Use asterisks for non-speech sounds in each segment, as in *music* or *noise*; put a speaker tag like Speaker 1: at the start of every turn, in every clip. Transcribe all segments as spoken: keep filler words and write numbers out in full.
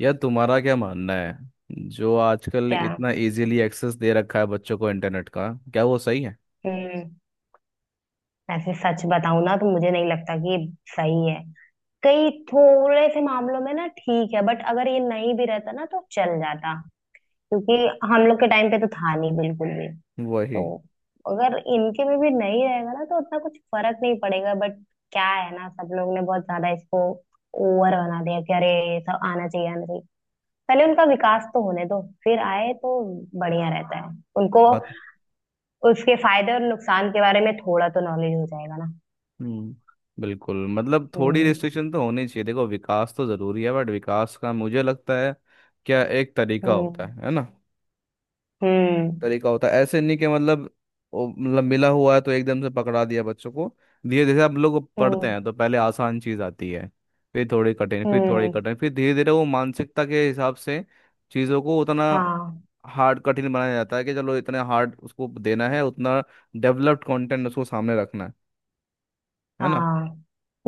Speaker 1: यार, तुम्हारा क्या मानना है जो आजकल
Speaker 2: क्या?
Speaker 1: इतना इजीली एक्सेस दे रखा है बच्चों को इंटरनेट का, क्या वो सही है.
Speaker 2: हम्म। ऐसे सच बताऊं ना तो मुझे नहीं लगता कि ये सही है। कई थोड़े से मामलों में ना ठीक है, बट अगर ये नहीं भी रहता ना तो चल जाता, क्योंकि हम लोग के टाइम पे तो था नहीं बिल्कुल भी।
Speaker 1: वही
Speaker 2: तो अगर इनके में भी नहीं रहेगा ना तो उतना कुछ फर्क नहीं पड़ेगा। बट क्या है ना, सब लोग ने बहुत ज्यादा इसको ओवर बना दिया कि अरे ये सब आना चाहिए आना चाहिए। पहले उनका विकास तो होने दो, फिर आए तो बढ़िया रहता है उनको।
Speaker 1: बात.
Speaker 2: उसके फायदे और नुकसान के बारे में थोड़ा तो नॉलेज हो जाएगा ना।
Speaker 1: हम्म, बिल्कुल. मतलब थोड़ी
Speaker 2: हम्म।
Speaker 1: रिस्ट्रिक्शन तो होनी चाहिए. देखो, विकास तो जरूरी है बट विकास का मुझे लगता है क्या एक तरीका होता
Speaker 2: हम्म।
Speaker 1: है है ना.
Speaker 2: हम्म।
Speaker 1: तरीका होता है, ऐसे नहीं कि मतलब वो मतलब मिला हुआ है तो एकदम से पकड़ा दिया बच्चों को. धीरे धीरे अब लोग पढ़ते
Speaker 2: हम्म।
Speaker 1: हैं तो पहले आसान चीज आती है, फिर थोड़ी कठिन, फिर थोड़ी
Speaker 2: हम्म।
Speaker 1: कठिन, फिर धीरे धीरे वो मानसिकता के हिसाब से चीज़ों को उतना
Speaker 2: हाँ।
Speaker 1: हार्ड, कठिन बनाया जाता है कि चलो इतने हार्ड उसको देना है, उतना डेवलप्ड कंटेंट उसको सामने रखना है है ना.
Speaker 2: हाँ।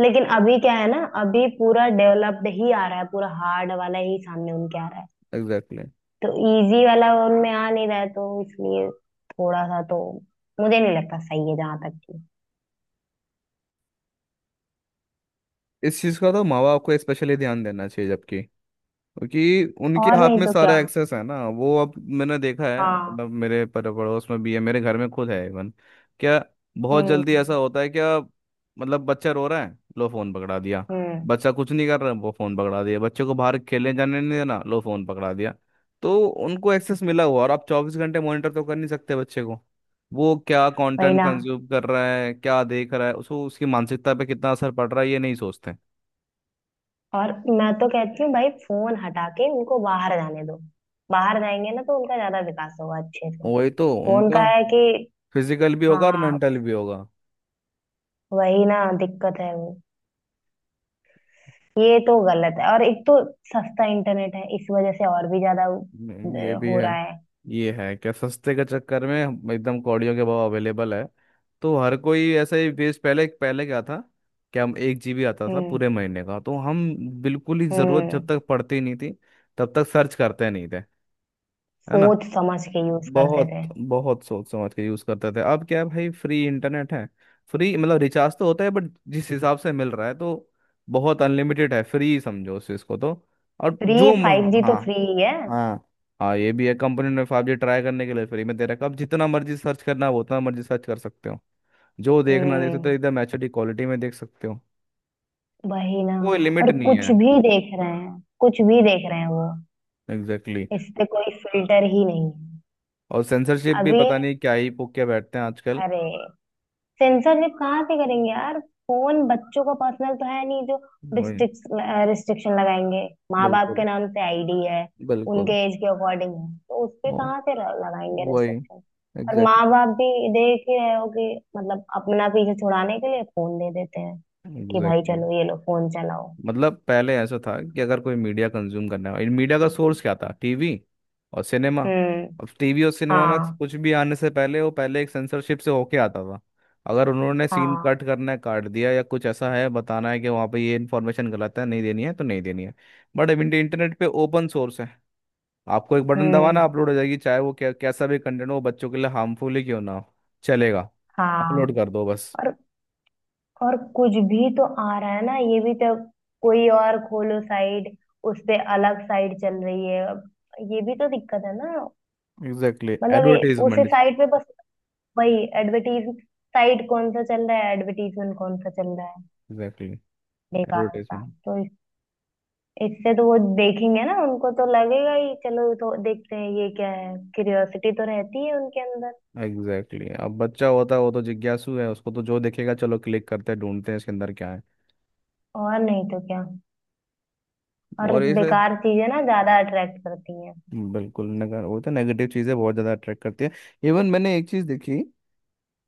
Speaker 2: लेकिन अभी क्या है ना, अभी पूरा डेवलप्ड ही आ रहा है, पूरा हार्ड वाला ही सामने उनके आ रहा है।
Speaker 1: Exactly exactly.
Speaker 2: तो इजी वाला उनमें आ नहीं रहा है, तो इसलिए थोड़ा सा तो मुझे नहीं लगता सही है जहां तक कि।
Speaker 1: इस चीज़ का तो माँ बाप को स्पेशली ध्यान देना चाहिए, जबकि क्योंकि उनके
Speaker 2: और
Speaker 1: हाथ
Speaker 2: नहीं
Speaker 1: में
Speaker 2: तो क्या।
Speaker 1: सारा एक्सेस है ना वो अब. मैंने देखा है,
Speaker 2: हाँ।
Speaker 1: मतलब मेरे पर पड़ोस में भी है, मेरे घर में खुद है इवन, क्या, बहुत
Speaker 2: हम्म।
Speaker 1: जल्दी ऐसा होता है क्या. मतलब बच्चा रो रहा है, लो फोन पकड़ा दिया.
Speaker 2: हम्म।
Speaker 1: बच्चा कुछ नहीं कर रहा, वो फोन पकड़ा दिया. बच्चे को बाहर खेलने जाने नहीं देना, लो फोन पकड़ा दिया. तो उनको एक्सेस मिला हुआ और आप चौबीस घंटे मॉनिटर तो कर नहीं सकते बच्चे को. वो क्या
Speaker 2: वही
Speaker 1: कंटेंट
Speaker 2: ना।
Speaker 1: कंज्यूम कर रहा है, क्या देख रहा है, उसको उसकी मानसिकता पे कितना असर पड़ रहा है ये नहीं सोचते.
Speaker 2: और मैं तो कहती हूँ भाई फोन हटा के उनको बाहर जाने दो। बाहर जाएंगे ना तो उनका ज्यादा विकास होगा अच्छे से।
Speaker 1: वही तो
Speaker 2: फोन का
Speaker 1: उनका.
Speaker 2: है कि।
Speaker 1: फिजिकल भी होगा और
Speaker 2: हाँ।
Speaker 1: मेंटल भी होगा.
Speaker 2: वही ना, दिक्कत है वो। ये तो गलत है, और एक तो सस्ता इंटरनेट है इस वजह से और भी ज्यादा
Speaker 1: हम्म, ये
Speaker 2: अ,
Speaker 1: भी
Speaker 2: हो
Speaker 1: है.
Speaker 2: रहा है।
Speaker 1: ये है क्या, सस्ते के चक्कर में हम- एकदम कौड़ियों के भाव अवेलेबल है. तो हर कोई ऐसा ही बेस. पहले पहले क्या था कि हम एक जीबी आता था
Speaker 2: हम्म।
Speaker 1: पूरे महीने का, तो हम बिल्कुल ही जरूरत
Speaker 2: हम्म।
Speaker 1: जब तक पड़ती नहीं थी तब तक सर्च करते नहीं थे, है ना.
Speaker 2: सोच समझ के यूज करते
Speaker 1: बहुत
Speaker 2: थे।
Speaker 1: बहुत सोच समझ के यूज करते थे. अब क्या है भाई, फ्री इंटरनेट है. फ्री मतलब रिचार्ज तो होता है बट जिस हिसाब से मिल रहा है तो बहुत अनलिमिटेड है, फ्री समझो उस चीज को तो. और
Speaker 2: फ्री।
Speaker 1: जो
Speaker 2: फाइव जी
Speaker 1: म-
Speaker 2: तो
Speaker 1: हाँ,
Speaker 2: फ्री ही है।
Speaker 1: हाँ हाँ, ये भी है. कंपनी ने फाइव जी ट्राई करने के लिए फ्री में दे रखा है. अब जितना मर्जी सर्च करना हो उतना मर्जी सर्च कर सकते हो, जो देखना देख सकते
Speaker 2: हम्म।
Speaker 1: हो एकदम एच डी क्वालिटी में देख सकते हो.
Speaker 2: वही ना।
Speaker 1: कोई लिमिट
Speaker 2: और
Speaker 1: नहीं है.
Speaker 2: कुछ भी देख रहे हैं, कुछ भी देख रहे हैं वो।
Speaker 1: एग्जैक्टली
Speaker 2: इस
Speaker 1: exactly.
Speaker 2: पे कोई फिल्टर ही नहीं है।
Speaker 1: और सेंसरशिप भी
Speaker 2: अभी,
Speaker 1: पता नहीं क्या ही पोक के बैठते हैं आजकल.
Speaker 2: अरे, सेंसरशिप कहाँ से करेंगे यार। फोन बच्चों का पर्सनल तो है नहीं जो
Speaker 1: वही.
Speaker 2: रिस्ट्रिक्स रिस्ट्रिक्शन लगाएंगे। माँ बाप के
Speaker 1: बिल्कुल
Speaker 2: नाम से आईडी है। उनके
Speaker 1: बिल्कुल.
Speaker 2: एज के अकॉर्डिंग है, तो उस पे
Speaker 1: ओ,
Speaker 2: कहाँ से र- लगाएंगे
Speaker 1: वही.
Speaker 2: रिस्ट्रिक्शन। और माँ
Speaker 1: एग्जैक्टली
Speaker 2: बाप भी देख ही रहे हो कि मतलब अपना पीछे छुड़ाने के लिए फोन दे देते हैं कि भाई
Speaker 1: एग्जैक्टली.
Speaker 2: चलो ये लो फोन चलाओ।
Speaker 1: मतलब पहले ऐसा था कि अगर कोई मीडिया कंज्यूम करना है, मीडिया का सोर्स क्या था, टीवी और सिनेमा.
Speaker 2: हम्म।
Speaker 1: अब टीवी और सिनेमा में
Speaker 2: हाँ।
Speaker 1: कुछ भी आने से पहले वो पहले एक सेंसरशिप से होके आता था. अगर उन्होंने सीन
Speaker 2: हाँ।
Speaker 1: कट करना है, काट दिया, या कुछ ऐसा है बताना है कि वहाँ पे ये इन्फॉर्मेशन गलत है, नहीं देनी है तो नहीं देनी है. बट अब इंटरनेट पे ओपन सोर्स है. आपको एक बटन दबाना,
Speaker 2: हम्म।
Speaker 1: अपलोड हो जाएगी, चाहे वो क्या कैसा भी कंटेंट हो, वो बच्चों के लिए हार्मफुल ही क्यों ना हो, चलेगा.
Speaker 2: हाँ।
Speaker 1: अपलोड कर दो बस.
Speaker 2: और और कुछ भी तो आ रहा है ना, ये भी तो। कोई और खोलो साइड, उस पे अलग साइड चल रही है अब। ये भी तो दिक्कत है ना।
Speaker 1: एग्जैक्टली
Speaker 2: मतलब ये उस
Speaker 1: एडवर्टीजमेंट.
Speaker 2: साइड पे बस। वही। एडवर्टीज साइड कौन सा चल रहा है एडवर्टीजमेंट कौन सा चल रहा है,
Speaker 1: एग्जैक्टली
Speaker 2: बेकार सा।
Speaker 1: एडवर्टीजमेंट.
Speaker 2: तो इस, इससे तो वो देखेंगे ना, उनको तो लगेगा ही चलो तो देखते हैं ये क्या है, क्यूरियोसिटी तो रहती है उनके अंदर।
Speaker 1: Exactly exactly. अब बच्चा होता है वो तो जिज्ञासु है, उसको तो जो देखेगा, चलो क्लिक करते हैं, ढूंढते हैं इसके अंदर क्या है.
Speaker 2: और नहीं तो क्या। और
Speaker 1: और इसे,
Speaker 2: बेकार चीजें ना ज्यादा अट्रैक्ट करती हैं।
Speaker 1: बिल्कुल, नगर वो तो नेगेटिव चीज़ें बहुत ज़्यादा अट्रैक्ट करती है. इवन मैंने एक चीज़ देखी,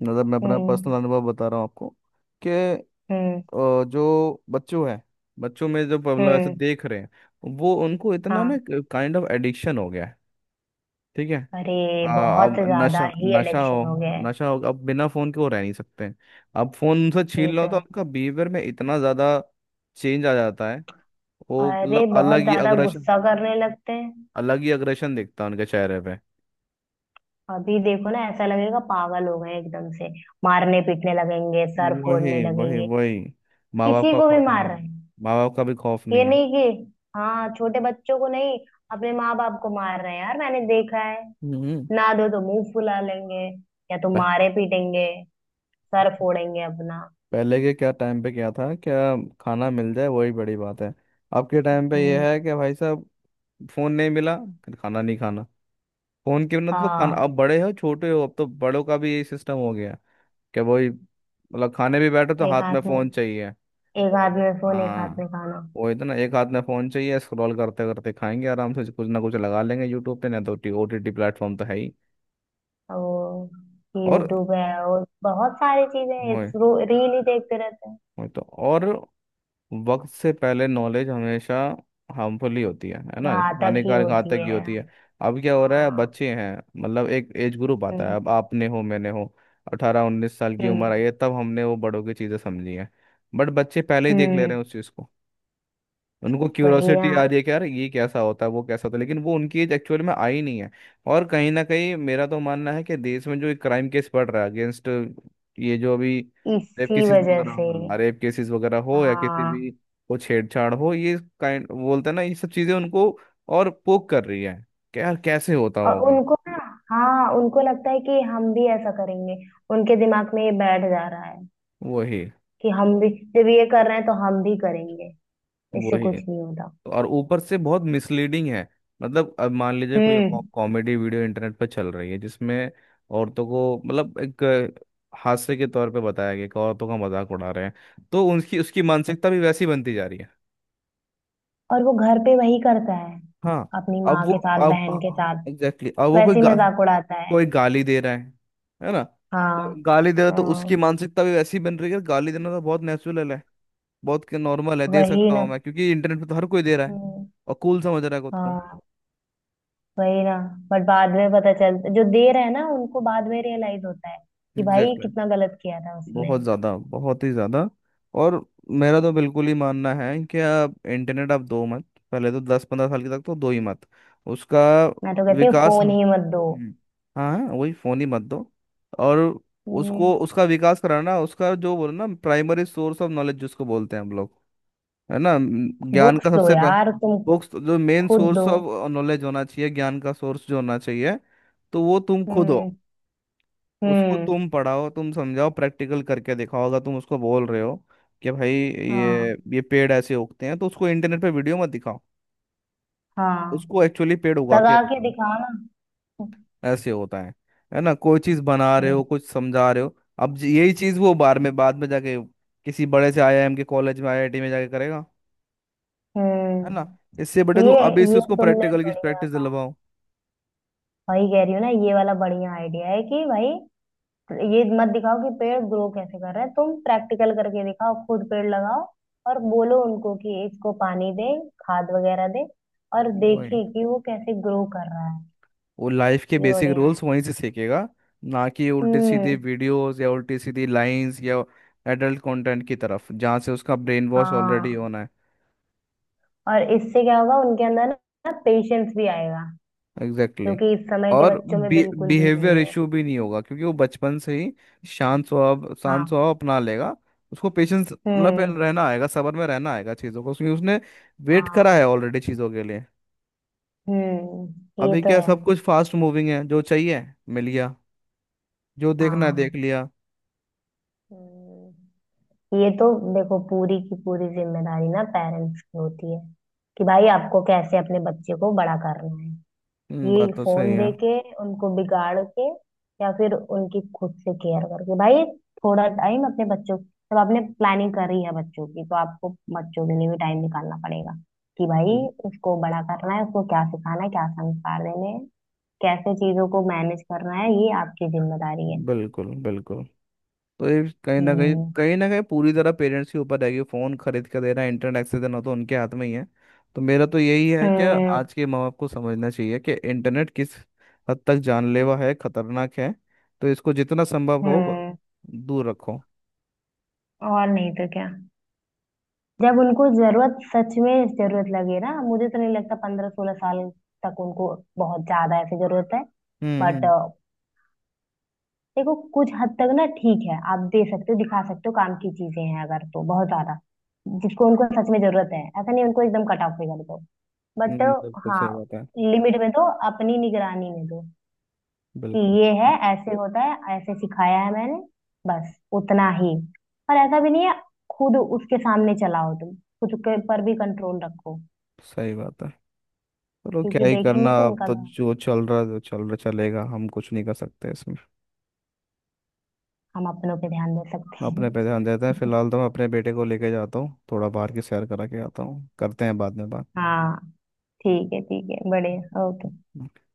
Speaker 1: मतलब मैं अपना पर्सनल
Speaker 2: हम्म।
Speaker 1: अनुभव बता रहा हूँ आपको, कि
Speaker 2: हम्म।
Speaker 1: अ, जो बच्चों है, बच्चों में जो मतलब ऐसे
Speaker 2: हम्म।
Speaker 1: देख रहे हैं, वो उनको इतना ना
Speaker 2: हाँ।
Speaker 1: काइंड ऑफ एडिक्शन हो गया है, ठीक है.
Speaker 2: अरे
Speaker 1: हाँ,
Speaker 2: बहुत
Speaker 1: अब
Speaker 2: ज्यादा
Speaker 1: नशा
Speaker 2: ही
Speaker 1: नशा हो,
Speaker 2: इलेक्शन हो गया है।
Speaker 1: नशा हो, अब बिना फोन के वो रह नहीं सकते. अब फोन उनसे छीन
Speaker 2: ये तो
Speaker 1: लो तो
Speaker 2: है।
Speaker 1: उनका बिहेवियर में इतना ज्यादा चेंज आ जाता है. वो मतलब
Speaker 2: अरे
Speaker 1: अलग
Speaker 2: बहुत
Speaker 1: ही
Speaker 2: ज्यादा
Speaker 1: अग्रेशन,
Speaker 2: गुस्सा करने लगते हैं।
Speaker 1: अलग ही अग्रेशन दिखता है उनके चेहरे पे.
Speaker 2: अभी देखो ना, ऐसा लगेगा पागल हो गए हैं एकदम से। मारने पीटने लगेंगे, सर फोड़ने
Speaker 1: वही वही
Speaker 2: लगेंगे।
Speaker 1: वही. माँ बाप
Speaker 2: किसी
Speaker 1: का
Speaker 2: को भी
Speaker 1: खौफ नहीं
Speaker 2: मार
Speaker 1: है,
Speaker 2: रहे हैं।
Speaker 1: माँ बाप का भी खौफ
Speaker 2: ये
Speaker 1: नहीं है.
Speaker 2: नहीं कि हाँ छोटे बच्चों को नहीं, अपने माँ बाप को मार रहे हैं यार, मैंने देखा है।
Speaker 1: हम्म.
Speaker 2: ना दो तो मुंह फुला लेंगे, या तो
Speaker 1: प-
Speaker 2: मारे पीटेंगे, सर फोड़ेंगे अपना।
Speaker 1: पहले के क्या टाइम पे क्या था क्या, खाना मिल जाए वही बड़ी बात है. अब के टाइम पे
Speaker 2: हम्म।
Speaker 1: यह है कि भाई साहब, फोन नहीं मिला, फिर खाना नहीं खाना. फोन के बिना तो खाना,
Speaker 2: हाँ।
Speaker 1: अब बड़े हो छोटे हो, अब तो बड़ों का भी यही सिस्टम हो गया क्या. वही मतलब खाने भी बैठो तो
Speaker 2: एक
Speaker 1: हाथ
Speaker 2: हाथ
Speaker 1: में
Speaker 2: में,
Speaker 1: फोन चाहिए.
Speaker 2: एक हाथ में फोन एक हाथ
Speaker 1: हाँ,
Speaker 2: में खाना।
Speaker 1: वही तो ना, एक हाथ में फोन चाहिए, स्क्रॉल करते करते खाएंगे, आराम से कुछ ना कुछ लगा लेंगे यूट्यूब पे, ना तो ओ टी टी प्लेटफॉर्म तो है ही.
Speaker 2: और
Speaker 1: और
Speaker 2: यूट्यूब है और बहुत सारी चीजें हैं।
Speaker 1: वही,
Speaker 2: इस रो- रील ही देखते रहते हैं।
Speaker 1: वही तो. और वक्त से पहले नॉलेज हमेशा हार्मफुल ही होती है है ना.
Speaker 2: घातक ही
Speaker 1: हानिकारक,
Speaker 2: होती
Speaker 1: घातक ही
Speaker 2: है।
Speaker 1: होती है. अब क्या हो रहा है,
Speaker 2: हाँ।
Speaker 1: बच्चे हैं, मतलब एक एज ग्रुप आता है. अब
Speaker 2: हम्म।
Speaker 1: आपने हो मैंने हो, अठारह उन्नीस साल की उम्र
Speaker 2: हम्म।
Speaker 1: आई है तब हमने वो बड़ों की चीज़ें समझी हैं. बट बच्चे पहले ही देख ले
Speaker 2: हम्म।
Speaker 1: रहे हैं उस चीज़ को. उनको
Speaker 2: वही
Speaker 1: क्यूरोसिटी आ
Speaker 2: ना।
Speaker 1: रही है कि यार ये कैसा होता है, वो कैसा होता है, लेकिन वो उनकी एज एक्चुअल में आई नहीं है. और कहीं ना कहीं मेरा तो मानना है कि देश में जो क्राइम केस बढ़ रहा है अगेंस्ट, ये जो अभी रेप
Speaker 2: इसी
Speaker 1: केसेस
Speaker 2: वजह
Speaker 1: वगैरह,
Speaker 2: से।
Speaker 1: हाँ, रेप केसेस वगैरह हो या किसी
Speaker 2: हाँ।
Speaker 1: भी को छेड़छाड़ हो, ये काइंड बोलते हैं ना, ये सब चीजें उनको और पोक कर रही है कि यार कैसे होता
Speaker 2: और
Speaker 1: होगा.
Speaker 2: उनको ना, हाँ उनको लगता है कि हम भी ऐसा करेंगे। उनके दिमाग में ये बैठ जा रहा है
Speaker 1: वही
Speaker 2: कि हम भी, जब ये कर रहे हैं तो हम भी करेंगे, इससे
Speaker 1: वही.
Speaker 2: कुछ नहीं होता।
Speaker 1: और ऊपर से बहुत मिसलीडिंग है. मतलब अब मान लीजिए कोई
Speaker 2: हम्म।
Speaker 1: कॉमेडी वीडियो इंटरनेट पर चल रही है जिसमें औरतों को, मतलब एक अ, हास्य के तौर पे बताया गया कि औरतों का मजाक उड़ा रहे हैं, तो उनकी उसकी मानसिकता भी वैसी बनती जा रही है.
Speaker 2: और वो घर पे वही करता है,
Speaker 1: हाँ,
Speaker 2: अपनी
Speaker 1: अब
Speaker 2: माँ
Speaker 1: वो
Speaker 2: के साथ, बहन के
Speaker 1: अब
Speaker 2: साथ
Speaker 1: एग्जैक्टली exactly, अब वो कोई
Speaker 2: वैसे ही
Speaker 1: गा,
Speaker 2: मजाक उड़ाता है।
Speaker 1: कोई गाली दे रहा है है ना. कोई
Speaker 2: हाँ।
Speaker 1: गाली दे रहा है तो उसकी
Speaker 2: हाँ।
Speaker 1: मानसिकता भी वैसी बन रही है, गाली देना तो बहुत नेचुरल है, बहुत नॉर्मल है, दे
Speaker 2: वही
Speaker 1: सकता
Speaker 2: ना।
Speaker 1: हूँ मैं क्योंकि इंटरनेट पे तो हर कोई दे रहा है
Speaker 2: हम्म।
Speaker 1: और कूल समझ रहा है खुद को.
Speaker 2: हाँ। वही ना। बट बाद में पता चल, जो दे रहे हैं ना उनको बाद में रियलाइज होता है कि भाई
Speaker 1: एग्जैक्टली.
Speaker 2: कितना गलत किया था उसने।
Speaker 1: बहुत ज़्यादा, बहुत ही ज़्यादा. और मेरा तो बिल्कुल ही मानना है कि आप इंटरनेट आप दो मत. पहले तो दस पंद्रह साल के तक तो दो ही मत. उसका
Speaker 2: मैं तो कहती हूँ
Speaker 1: विकास, हाँ.
Speaker 2: फोन ही मत दो।
Speaker 1: हम्म. हाँ हाँ, वही, फ़ोन ही मत दो. और
Speaker 2: हम्म।
Speaker 1: उसको उसका विकास कराना, उसका जो बोलो ना प्राइमरी सोर्स ऑफ नॉलेज जिसको बोलते हैं हम लोग, है ना, म, ज्ञान
Speaker 2: बुक्स
Speaker 1: का
Speaker 2: दो
Speaker 1: सबसे पह-
Speaker 2: यार तुम।
Speaker 1: बुक्स जो मेन
Speaker 2: खुद दो।
Speaker 1: सोर्स ऑफ नॉलेज होना चाहिए, ज्ञान का सोर्स जो होना चाहिए, तो वो तुम खुद हो.
Speaker 2: हम्म।
Speaker 1: उसको
Speaker 2: हम्म।
Speaker 1: तुम पढ़ाओ, तुम समझाओ, प्रैक्टिकल करके दिखाओ. अगर तुम उसको बोल रहे हो कि भाई ये
Speaker 2: हाँ।
Speaker 1: ये पेड़ ऐसे उगते हैं, तो उसको इंटरनेट पे वीडियो मत दिखाओ.
Speaker 2: हाँ।
Speaker 1: उसको एक्चुअली पेड़ उगा के
Speaker 2: लगा के
Speaker 1: बताओ
Speaker 2: दिखाओ ना।
Speaker 1: ऐसे होता है है ना. कोई चीज बना रहे हो,
Speaker 2: ये।
Speaker 1: कुछ समझा रहे हो. अब ज- यही चीज वो बार में बाद में जाके किसी बड़े से आई आई एम के कॉलेज में, आई आई टी में जाके करेगा, है ना.
Speaker 2: हम्म।
Speaker 1: इससे बड़े तुम
Speaker 2: ये
Speaker 1: अभी से
Speaker 2: ये
Speaker 1: उसको
Speaker 2: तुमने
Speaker 1: प्रैक्टिकल की
Speaker 2: बढ़िया
Speaker 1: प्रैक्टिस
Speaker 2: कहा।
Speaker 1: दिलवाओ.
Speaker 2: वही कह रही हूँ ना, ये वाला बढ़िया आइडिया है कि भाई ये मत दिखाओ कि पेड़ ग्रो कैसे कर रहा है, तुम प्रैक्टिकल करके दिखाओ, खुद पेड़ लगाओ। और बोलो उनको कि इसको पानी दे, खाद वगैरह दे, और
Speaker 1: वही.
Speaker 2: देखे कि वो कैसे ग्रो कर रहा है।
Speaker 1: वो लाइफ के
Speaker 2: ये
Speaker 1: बेसिक
Speaker 2: बढ़िया
Speaker 1: रूल्स
Speaker 2: है।
Speaker 1: वहीं से सीखेगा, ना कि उल्टे सीधे
Speaker 2: हम्म।
Speaker 1: वीडियोस या उल्टी सीधी लाइंस या एडल्ट कंटेंट की तरफ जहाँ से उसका ब्रेन वॉश ऑलरेडी
Speaker 2: हाँ।
Speaker 1: होना है.
Speaker 2: और इससे क्या होगा उनके अंदर ना, पेशेंस भी आएगा,
Speaker 1: एग्जैक्टली
Speaker 2: जो
Speaker 1: exactly.
Speaker 2: कि इस समय के
Speaker 1: और
Speaker 2: बच्चों में बिल्कुल भी
Speaker 1: बिहेवियर
Speaker 2: नहीं है।
Speaker 1: इशू भी नहीं होगा क्योंकि वो बचपन से ही शांत स्वभाव, शांत
Speaker 2: हाँ।
Speaker 1: स्वभाव अपना लेगा. उसको पेशेंस, मतलब पे-
Speaker 2: हम्म।
Speaker 1: रहना आएगा, सबर में रहना आएगा चीज़ों को क्योंकि उसने वेट करा है
Speaker 2: हाँ।
Speaker 1: ऑलरेडी चीज़ों के लिए.
Speaker 2: हम्म। ये
Speaker 1: अभी
Speaker 2: तो
Speaker 1: क्या,
Speaker 2: है।
Speaker 1: सब कुछ फास्ट मूविंग है, जो चाहिए मिल गया, जो देखना है देख
Speaker 2: हाँ।
Speaker 1: लिया.
Speaker 2: हम्म। ये तो। देखो, पूरी की पूरी जिम्मेदारी ना पेरेंट्स की होती है कि भाई आपको कैसे अपने बच्चे को बड़ा करना है,
Speaker 1: हम्म,
Speaker 2: ये
Speaker 1: बात तो सही
Speaker 2: फोन
Speaker 1: है.
Speaker 2: दे के उनको बिगाड़ के, या फिर उनकी खुद से केयर करके। भाई थोड़ा टाइम अपने बच्चों, जब आपने प्लानिंग करी है बच्चों की, तो आपको बच्चों के लिए भी टाइम निकालना पड़ेगा। कि भाई उसको बड़ा करना है, उसको क्या सिखाना है, क्या संस्कार देने हैं, कैसे चीजों को मैनेज करना है, ये आपकी जिम्मेदारी है।
Speaker 1: बिल्कुल बिल्कुल. तो ये कहीं ना कहीं
Speaker 2: हम्म।
Speaker 1: कहीं ना कहीं पूरी तरह पेरेंट्स के ऊपर रहेगी. फोन खरीद के देना, इंटरनेट एक्सेस देना तो उनके हाथ में ही है. तो मेरा तो यही है कि
Speaker 2: हम्म।
Speaker 1: आज के माँ बाप को समझना चाहिए कि इंटरनेट किस हद तक जानलेवा है, खतरनाक है. तो इसको जितना संभव हो ब-
Speaker 2: हम्म।
Speaker 1: दूर रखो.
Speaker 2: और नहीं तो क्या। जब उनको जरूरत, सच में जरूरत लगे ना, मुझे तो नहीं लगता पंद्रह सोलह साल तक उनको बहुत ज्यादा ऐसी जरूरत है।
Speaker 1: हम्म.
Speaker 2: बट
Speaker 1: हम्म.
Speaker 2: देखो कुछ हद तक ना ठीक है, आप दे सकते हो, दिखा सकते हो, काम की चीजें हैं अगर, तो बहुत ज्यादा जिसको उनको सच में जरूरत है, ऐसा नहीं उनको एकदम कट ऑफ कर दो। बट
Speaker 1: हम्म, बिल्कुल
Speaker 2: हाँ,
Speaker 1: सही बात है.
Speaker 2: लिमिट में दो, अपनी निगरानी में दो। कि
Speaker 1: बिल्कुल
Speaker 2: ये है, ऐसे होता है, ऐसे सिखाया है मैंने, बस उतना ही। और ऐसा भी नहीं है, खुद उसके सामने चलाओ तुम, खुद के पर भी कंट्रोल रखो।
Speaker 1: सही बात है. चलो
Speaker 2: क्योंकि
Speaker 1: क्या ही
Speaker 2: देखेंगे
Speaker 1: करना,
Speaker 2: तो
Speaker 1: अब
Speaker 2: उनका,
Speaker 1: तो जो चल रहा है, जो चल रहा चलेगा, हम कुछ नहीं कर सकते इसमें.
Speaker 2: हम अपनों पे ध्यान दे सकते
Speaker 1: अपने पे ध्यान देते हैं
Speaker 2: हैं। *laughs*
Speaker 1: फिलहाल. तो मैं अपने बेटे को लेके जाता हूँ, थोड़ा बाहर की सैर करा के आता हूँ. करते हैं बाद में
Speaker 2: हाँ। ठीक है, ठीक है, बढ़िया, ओके।
Speaker 1: बात.